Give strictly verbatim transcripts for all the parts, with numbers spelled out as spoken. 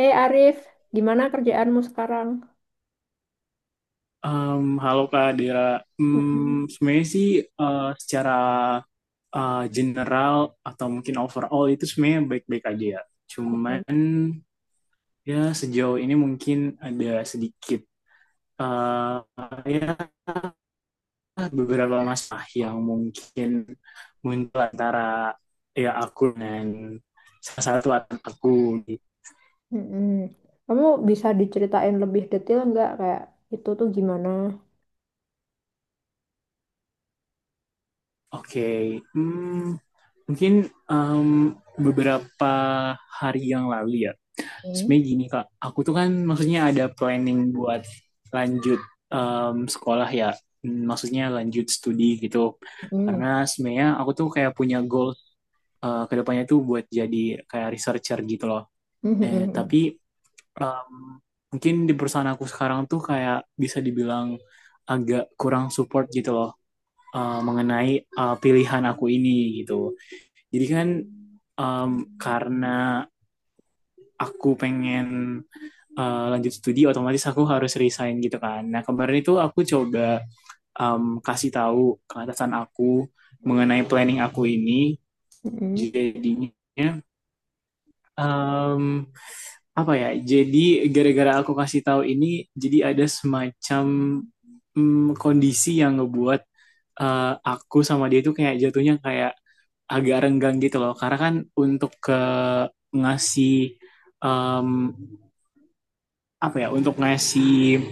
Hei Arif, gimana kerjaanmu sekarang? Em, halo Kak Dira. Mm-mm. Hmm, sebenarnya sih eh, secara eh, general atau mungkin overall itu sebenarnya baik-baik aja ya. Mm-mm. Cuman ya sejauh ini mungkin ada sedikit eh, ya beberapa masalah yang mungkin muncul antara ya aku dan salah satu anak aku. Mm-mm. Kamu bisa diceritain lebih detail nggak kayak itu tuh gimana? Oke, hmm, mungkin em, beberapa hari yang lalu ya. Mm-mm. Sebenarnya gini kak, aku tuh kan maksudnya ada planning buat lanjut em, sekolah ya. Hmm, maksudnya lanjut studi gitu, Mm-mm. karena sebenarnya aku tuh kayak punya goal eh, ke depannya tuh buat jadi kayak researcher gitu loh. Nah tapi em, mungkin di perusahaan aku sekarang tuh kayak bisa dibilang agak kurang support gitu loh, eh, mengenai eh, pilihan aku ini gitu. Jadi kan em, karena aku pengen uh, lanjut studi, otomatis aku harus resign gitu kan. Nah kemarin itu aku coba um, kasih tahu ke atasan aku mengenai planning aku ini. Mm-mm. Jadinya um, apa ya? Jadi gara-gara aku kasih tahu ini, jadi ada semacam um, kondisi yang ngebuat uh, aku sama dia itu kayak jatuhnya kayak agak renggang gitu loh. Karena kan untuk ke ngasih um, apa ya, untuk ngasih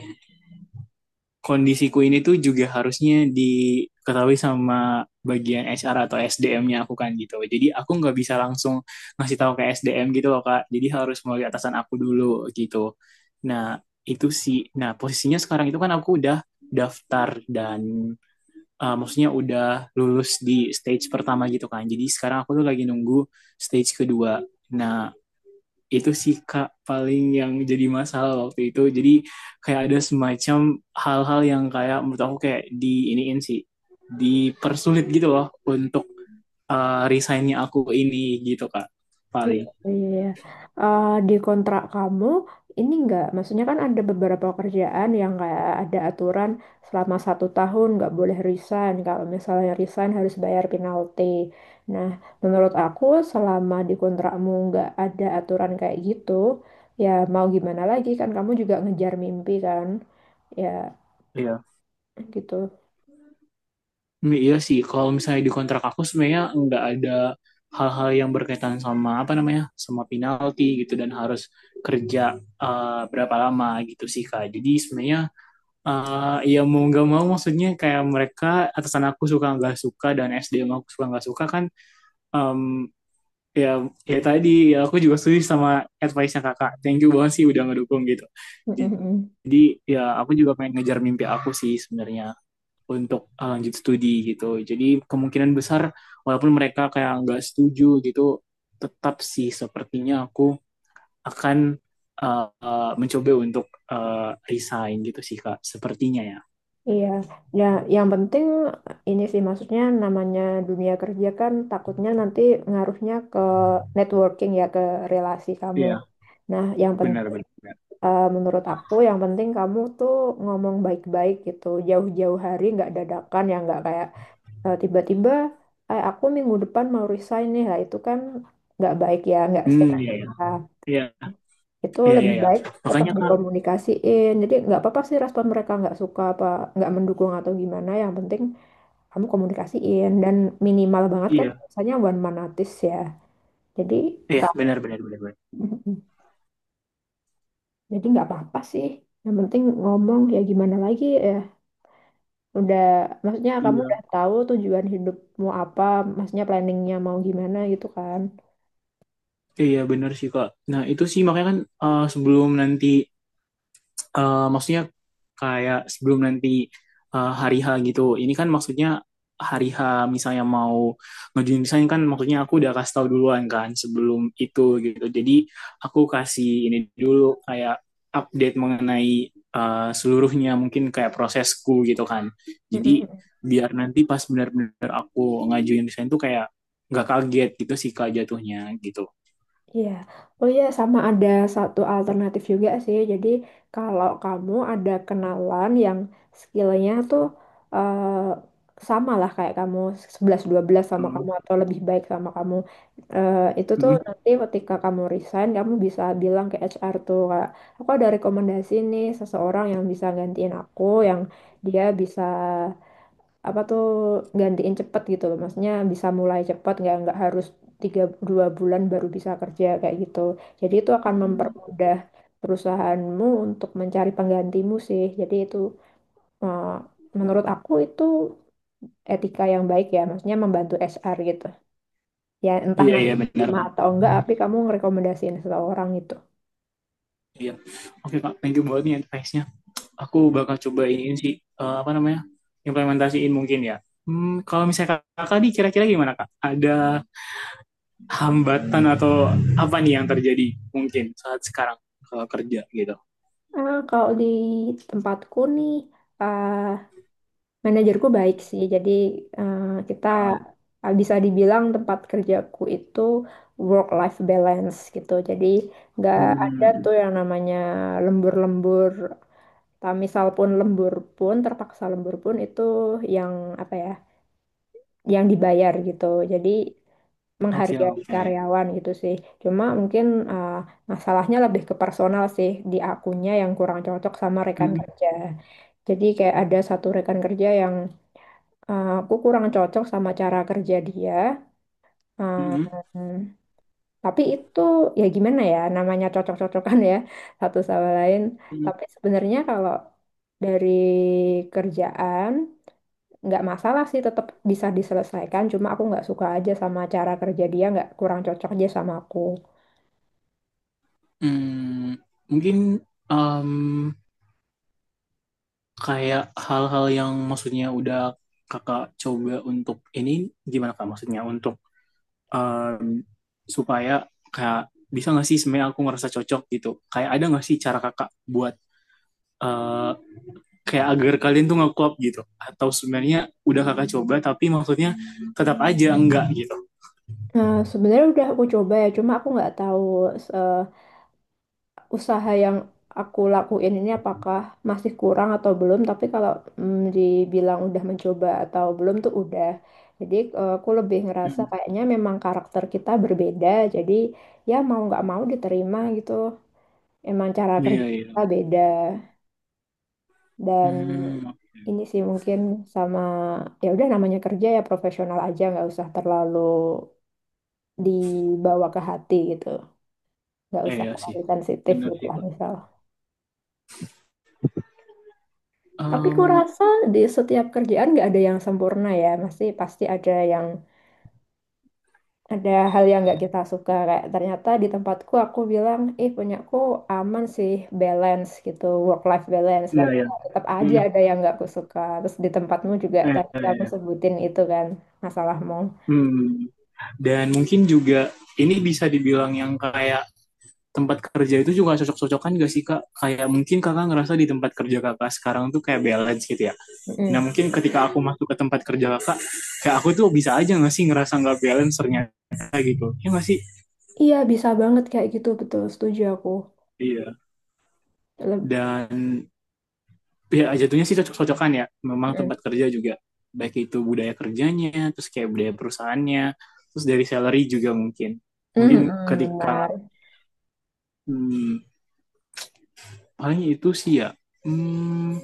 kondisiku ini tuh juga harusnya diketahui sama bagian H R atau S D M-nya aku kan gitu. Jadi aku nggak bisa langsung ngasih tahu ke S D M gitu loh Kak. Jadi harus melalui atasan aku dulu gitu. Nah, itu sih. Nah, posisinya sekarang itu kan aku udah daftar dan uh, maksudnya udah lulus di stage pertama gitu kan. Jadi sekarang aku tuh lagi nunggu stage kedua. Nah, itu sih kak, paling yang jadi masalah waktu itu jadi kayak ada semacam hal-hal yang kayak menurut aku kayak di iniin sih, dipersulit gitu loh untuk uh, resignnya aku ini gitu kak, Iya, paling. iya, iya. Eh, di kontrak kamu ini enggak, maksudnya kan ada beberapa kerjaan yang kayak ada aturan selama satu tahun nggak boleh resign. Kalau misalnya resign harus bayar penalti. Nah, menurut aku selama di kontrakmu nggak ada aturan kayak gitu, ya mau gimana lagi kan kamu juga ngejar mimpi kan, ya Iya. gitu. Hmm, iya sih, kalau misalnya di kontrak aku sebenarnya nggak ada hal-hal yang berkaitan sama apa namanya, sama penalti gitu dan harus kerja uh, berapa lama gitu sih kak. Jadi sebenarnya eh ya mau nggak mau maksudnya kayak mereka, atasan aku suka nggak suka dan S D M aku suka nggak suka kan. Em, ya ya tadi ya, aku juga setuju sama advice nya kakak, thank you banget sih udah ngedukung gitu. Jadi ya aku juga pengen ngejar mimpi aku sih sebenarnya untuk eh, lanjut studi gitu. Jadi kemungkinan besar walaupun mereka kayak nggak setuju gitu, tetap sih sepertinya aku akan eh, eh, mencoba untuk eh, resign gitu sih kak sepertinya ya. Iya, ya yang penting ini sih maksudnya namanya dunia kerja kan takutnya nanti ngaruhnya ke networking ya ke relasi kamu. Iya, Nah, yang benar penting benar. menurut aku yang penting kamu tuh ngomong baik-baik gitu jauh-jauh hari nggak dadakan ya nggak kayak eh, tiba-tiba eh, aku minggu depan mau resign nih lah itu kan nggak baik ya nggak Hmm, secara. iya iya. Nah, Iya, itu iya iya, lebih iya. baik tetap Makanya Kak, dikomunikasiin. Jadi nggak apa-apa sih respon mereka nggak suka apa nggak mendukung atau gimana. Yang penting kamu komunikasiin dan minimal banget kan iya. biasanya one man notice ya jadi Iya, nggak. benar benar benar benar. Jadi nggak apa-apa sih yang penting ngomong ya gimana lagi ya udah maksudnya kamu udah Iya. tahu tujuan hidupmu apa maksudnya planningnya mau gimana gitu kan. Iya, benar sih Kak. Nah, itu sih makanya kan eh, sebelum nanti eh, maksudnya kayak sebelum nanti eh, hari H gitu. Ini kan maksudnya hari H, misalnya mau ngajuin desain kan, maksudnya aku udah kasih tahu duluan kan sebelum itu gitu. Jadi aku kasih ini dulu kayak update mengenai eh, seluruhnya mungkin kayak prosesku gitu kan. Jadi biar nanti pas benar-benar aku ngajuin desain tuh kayak nggak kaget gitu sih kak jatuhnya gitu. Iya, oh iya sama ada satu alternatif juga sih. Jadi kalau kamu ada kenalan yang skillnya tuh eh, sama lah kayak kamu sebelas dua belas sama Hmm. kamu atau lebih baik sama kamu. Eh, itu tuh Hmm. nanti ketika kamu resign kamu bisa bilang ke H R tuh kayak aku ada rekomendasi nih seseorang yang bisa gantiin aku yang dia bisa apa tuh gantiin cepet gitu loh maksudnya bisa mulai cepet nggak nggak harus tiga dua bulan baru bisa kerja kayak gitu jadi itu akan mempermudah perusahaanmu untuk mencari penggantimu sih jadi itu eh, menurut aku itu etika yang baik ya maksudnya membantu H R gitu ya entah Iya nanti iya benar terima kak. atau enggak tapi kamu ngerekomendasiin seseorang gitu. Iya. Oke kak, thank you banget nih advice-nya. Aku bakal coba ini sih eh, apa namanya, implementasiin mungkin ya. Hmm, kalau misalnya kakak nih, kira-kira gimana kak? Ada hambatan atau apa nih yang terjadi mungkin saat sekarang kalau kerja gitu? Ah, kalau di tempatku nih ah manajerku baik sih, jadi eh, kita eh, bisa dibilang tempat kerjaku itu work-life balance gitu. Jadi nggak ada Hmm, tuh yang namanya lembur-lembur. Tak misal pun lembur pun, terpaksa lembur pun itu yang apa ya, yang dibayar gitu. Jadi oke menghargai oke. karyawan gitu sih. Cuma mungkin eh, masalahnya lebih ke personal sih di akunya yang kurang cocok sama rekan Hmm. kerja. Jadi kayak ada satu rekan kerja yang Eh, aku kurang cocok sama cara kerja dia. Hmm. Em, tapi itu ya gimana ya, namanya cocok-cocokan ya satu sama lain. Hmm. Tapi sebenarnya kalau dari kerjaan nggak masalah sih, tetap bisa diselesaikan. Cuma aku nggak suka aja sama cara kerja dia, nggak kurang cocok aja sama aku. Hmm, mungkin em, kayak hal-hal yang maksudnya udah kakak coba untuk ini gimana kak? Maksudnya untuk em, supaya kayak bisa nggak sih sebenarnya aku ngerasa cocok gitu, kayak ada nggak sih cara kakak buat eh, kayak agar kalian tuh nge-klop gitu, atau sebenarnya udah kakak coba tapi maksudnya tetap aja enggak gitu. Nah, sebenarnya udah aku coba ya, cuma aku nggak tahu eh, usaha yang aku lakuin ini apakah masih kurang atau belum tapi kalau mm, dibilang udah mencoba atau belum tuh udah jadi eh, aku lebih ngerasa Hmm, kayaknya memang karakter kita berbeda jadi ya mau nggak mau diterima gitu emang cara iya kerja iya. kita beda dan hmm, ini sih mungkin sama ya udah namanya kerja ya profesional aja nggak usah terlalu dibawa ke hati gitu nggak eh, usah iya sih. terlalu sensitif Benar gitu sih, lah Pak. misal. Tapi kurasa di setiap kerjaan nggak ada yang sempurna ya. Pasti pasti ada yang ada hal yang nggak kita suka. Kayak ternyata di tempatku aku bilang, eh punyaku aman sih, balance gitu, work life balance. Iya, Tapi iya. ya tetap aja Hmm, ada yang nggak aku suka. Terus di tempatmu juga iya, tadi iya, kamu iya. sebutin itu kan masalahmu. Hmm. Dan mungkin juga ini bisa dibilang yang kayak tempat kerja itu juga cocok-cocokan gak sih kak? Kayak mungkin kakak ngerasa di tempat kerja kakak sekarang tuh kayak balance gitu ya. Nah Mm-mm. mungkin ketika aku masuk ke tempat kerja kakak, kayak aku tuh bisa aja gak sih ngerasa gak balance ternyata gitu. Ya gak sih? Iya bisa banget kayak gitu betul. Setuju aku. Iya. Leb- Dan ya jatuhnya sih cocok-cocokan ya, memang Mm. tempat kerja juga. Baik itu budaya kerjanya, terus kayak budaya perusahaannya, terus dari salary juga mungkin. Mungkin Mm-mm, ketika, benar. hmm, paling itu sih ya. Hmm,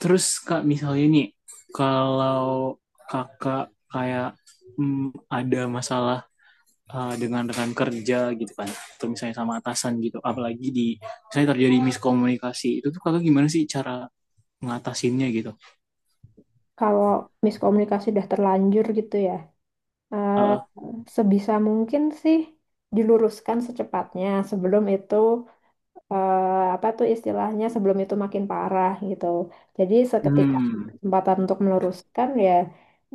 Terus kak misalnya nih kalau kakak kayak mm, ada masalah uh, dengan rekan kerja gitu kan, atau misalnya sama atasan gitu, apalagi di misalnya terjadi miskomunikasi itu tuh kakak gimana sih cara ngatasinnya gitu? Kalau miskomunikasi udah terlanjur gitu ya. eh, Uh, Sebisa mungkin sih diluruskan secepatnya sebelum itu eh, apa tuh istilahnya sebelum itu makin parah gitu. Jadi seketika ada hmm, kesempatan untuk meluruskan ya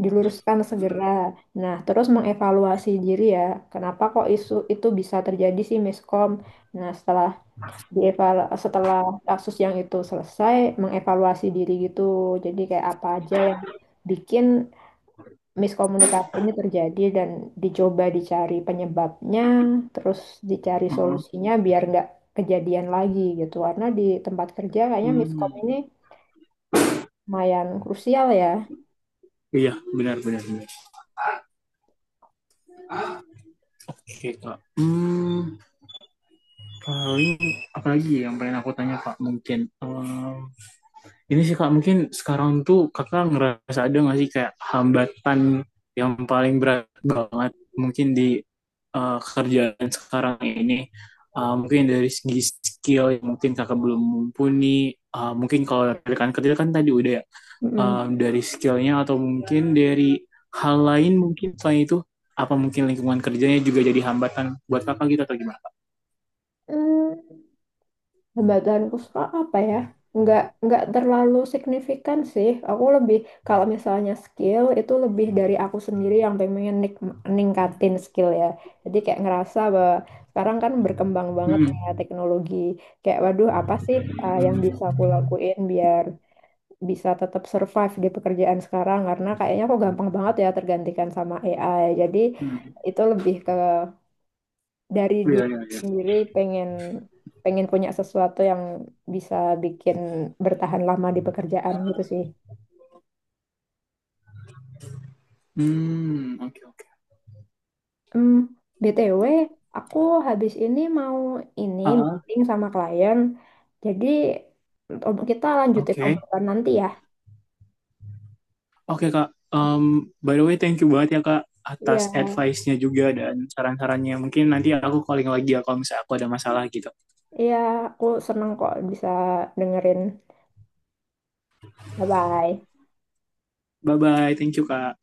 diluruskan segera. Nah, terus mengevaluasi diri ya, kenapa kok isu itu bisa terjadi sih miskom. Nah, setelah dieval setelah kasus yang itu selesai mengevaluasi diri gitu. Jadi kayak apa aja yang bikin miskomunikasi ini terjadi dan dicoba dicari penyebabnya, terus dicari uh, solusinya biar nggak kejadian lagi gitu. Karena di tempat kerja kayaknya miskom hmm. ini lumayan krusial ya. Iya, benar, benar, benar. Oke, Kak. Hmm, paling, apalagi yang pengen aku tanya, Kak, mungkin. Em, Ini sih Kak, mungkin sekarang tuh Kakak ngerasa ada nggak sih kayak hambatan yang paling berat banget mungkin di eh, kerjaan sekarang ini? Eh, mungkin dari segi skill yang mungkin Kakak belum mumpuni. Eh, mungkin kalau dari rekan kerja kan tadi udah ya. Mm-mm. Eh, dari skillnya atau mungkin dari hal lain mungkin selain itu, apa mungkin lingkungan kerjanya juga jadi hambatan buat Kakak gitu atau gimana? Hmm, hambatanku suka apa ya? Nggak, nggak terlalu signifikan sih. Aku lebih, kalau misalnya skill, itu lebih dari aku sendiri yang pengen nik- ningkatin skill ya. Jadi kayak ngerasa bahwa sekarang kan berkembang banget nih Hmm, ya teknologi. Kayak waduh apa sih uh, yang bisa aku lakuin biar bisa tetap survive di pekerjaan sekarang. Karena kayaknya aku gampang banget ya tergantikan sama A I. Jadi itu lebih ke dari iya, diri iya, iya. sendiri pengen pengen punya sesuatu yang bisa bikin bertahan lama di pekerjaan gitu sih. Hmm, oke, oke. Hmm, B T W, aku habis ini mau ini Ah, meeting sama klien. Jadi ob- kita lanjutin oke. obrolan nanti ya. Oke Kak, Em, by the way thank you banget ya Kak Iya, atas advice-nya juga dan saran-sarannya. Mungkin nanti aku calling lagi ya kalau misalnya aku ada masalah gitu. iya, aku seneng kok bisa dengerin. Bye-bye. Bye-bye, thank you Kak.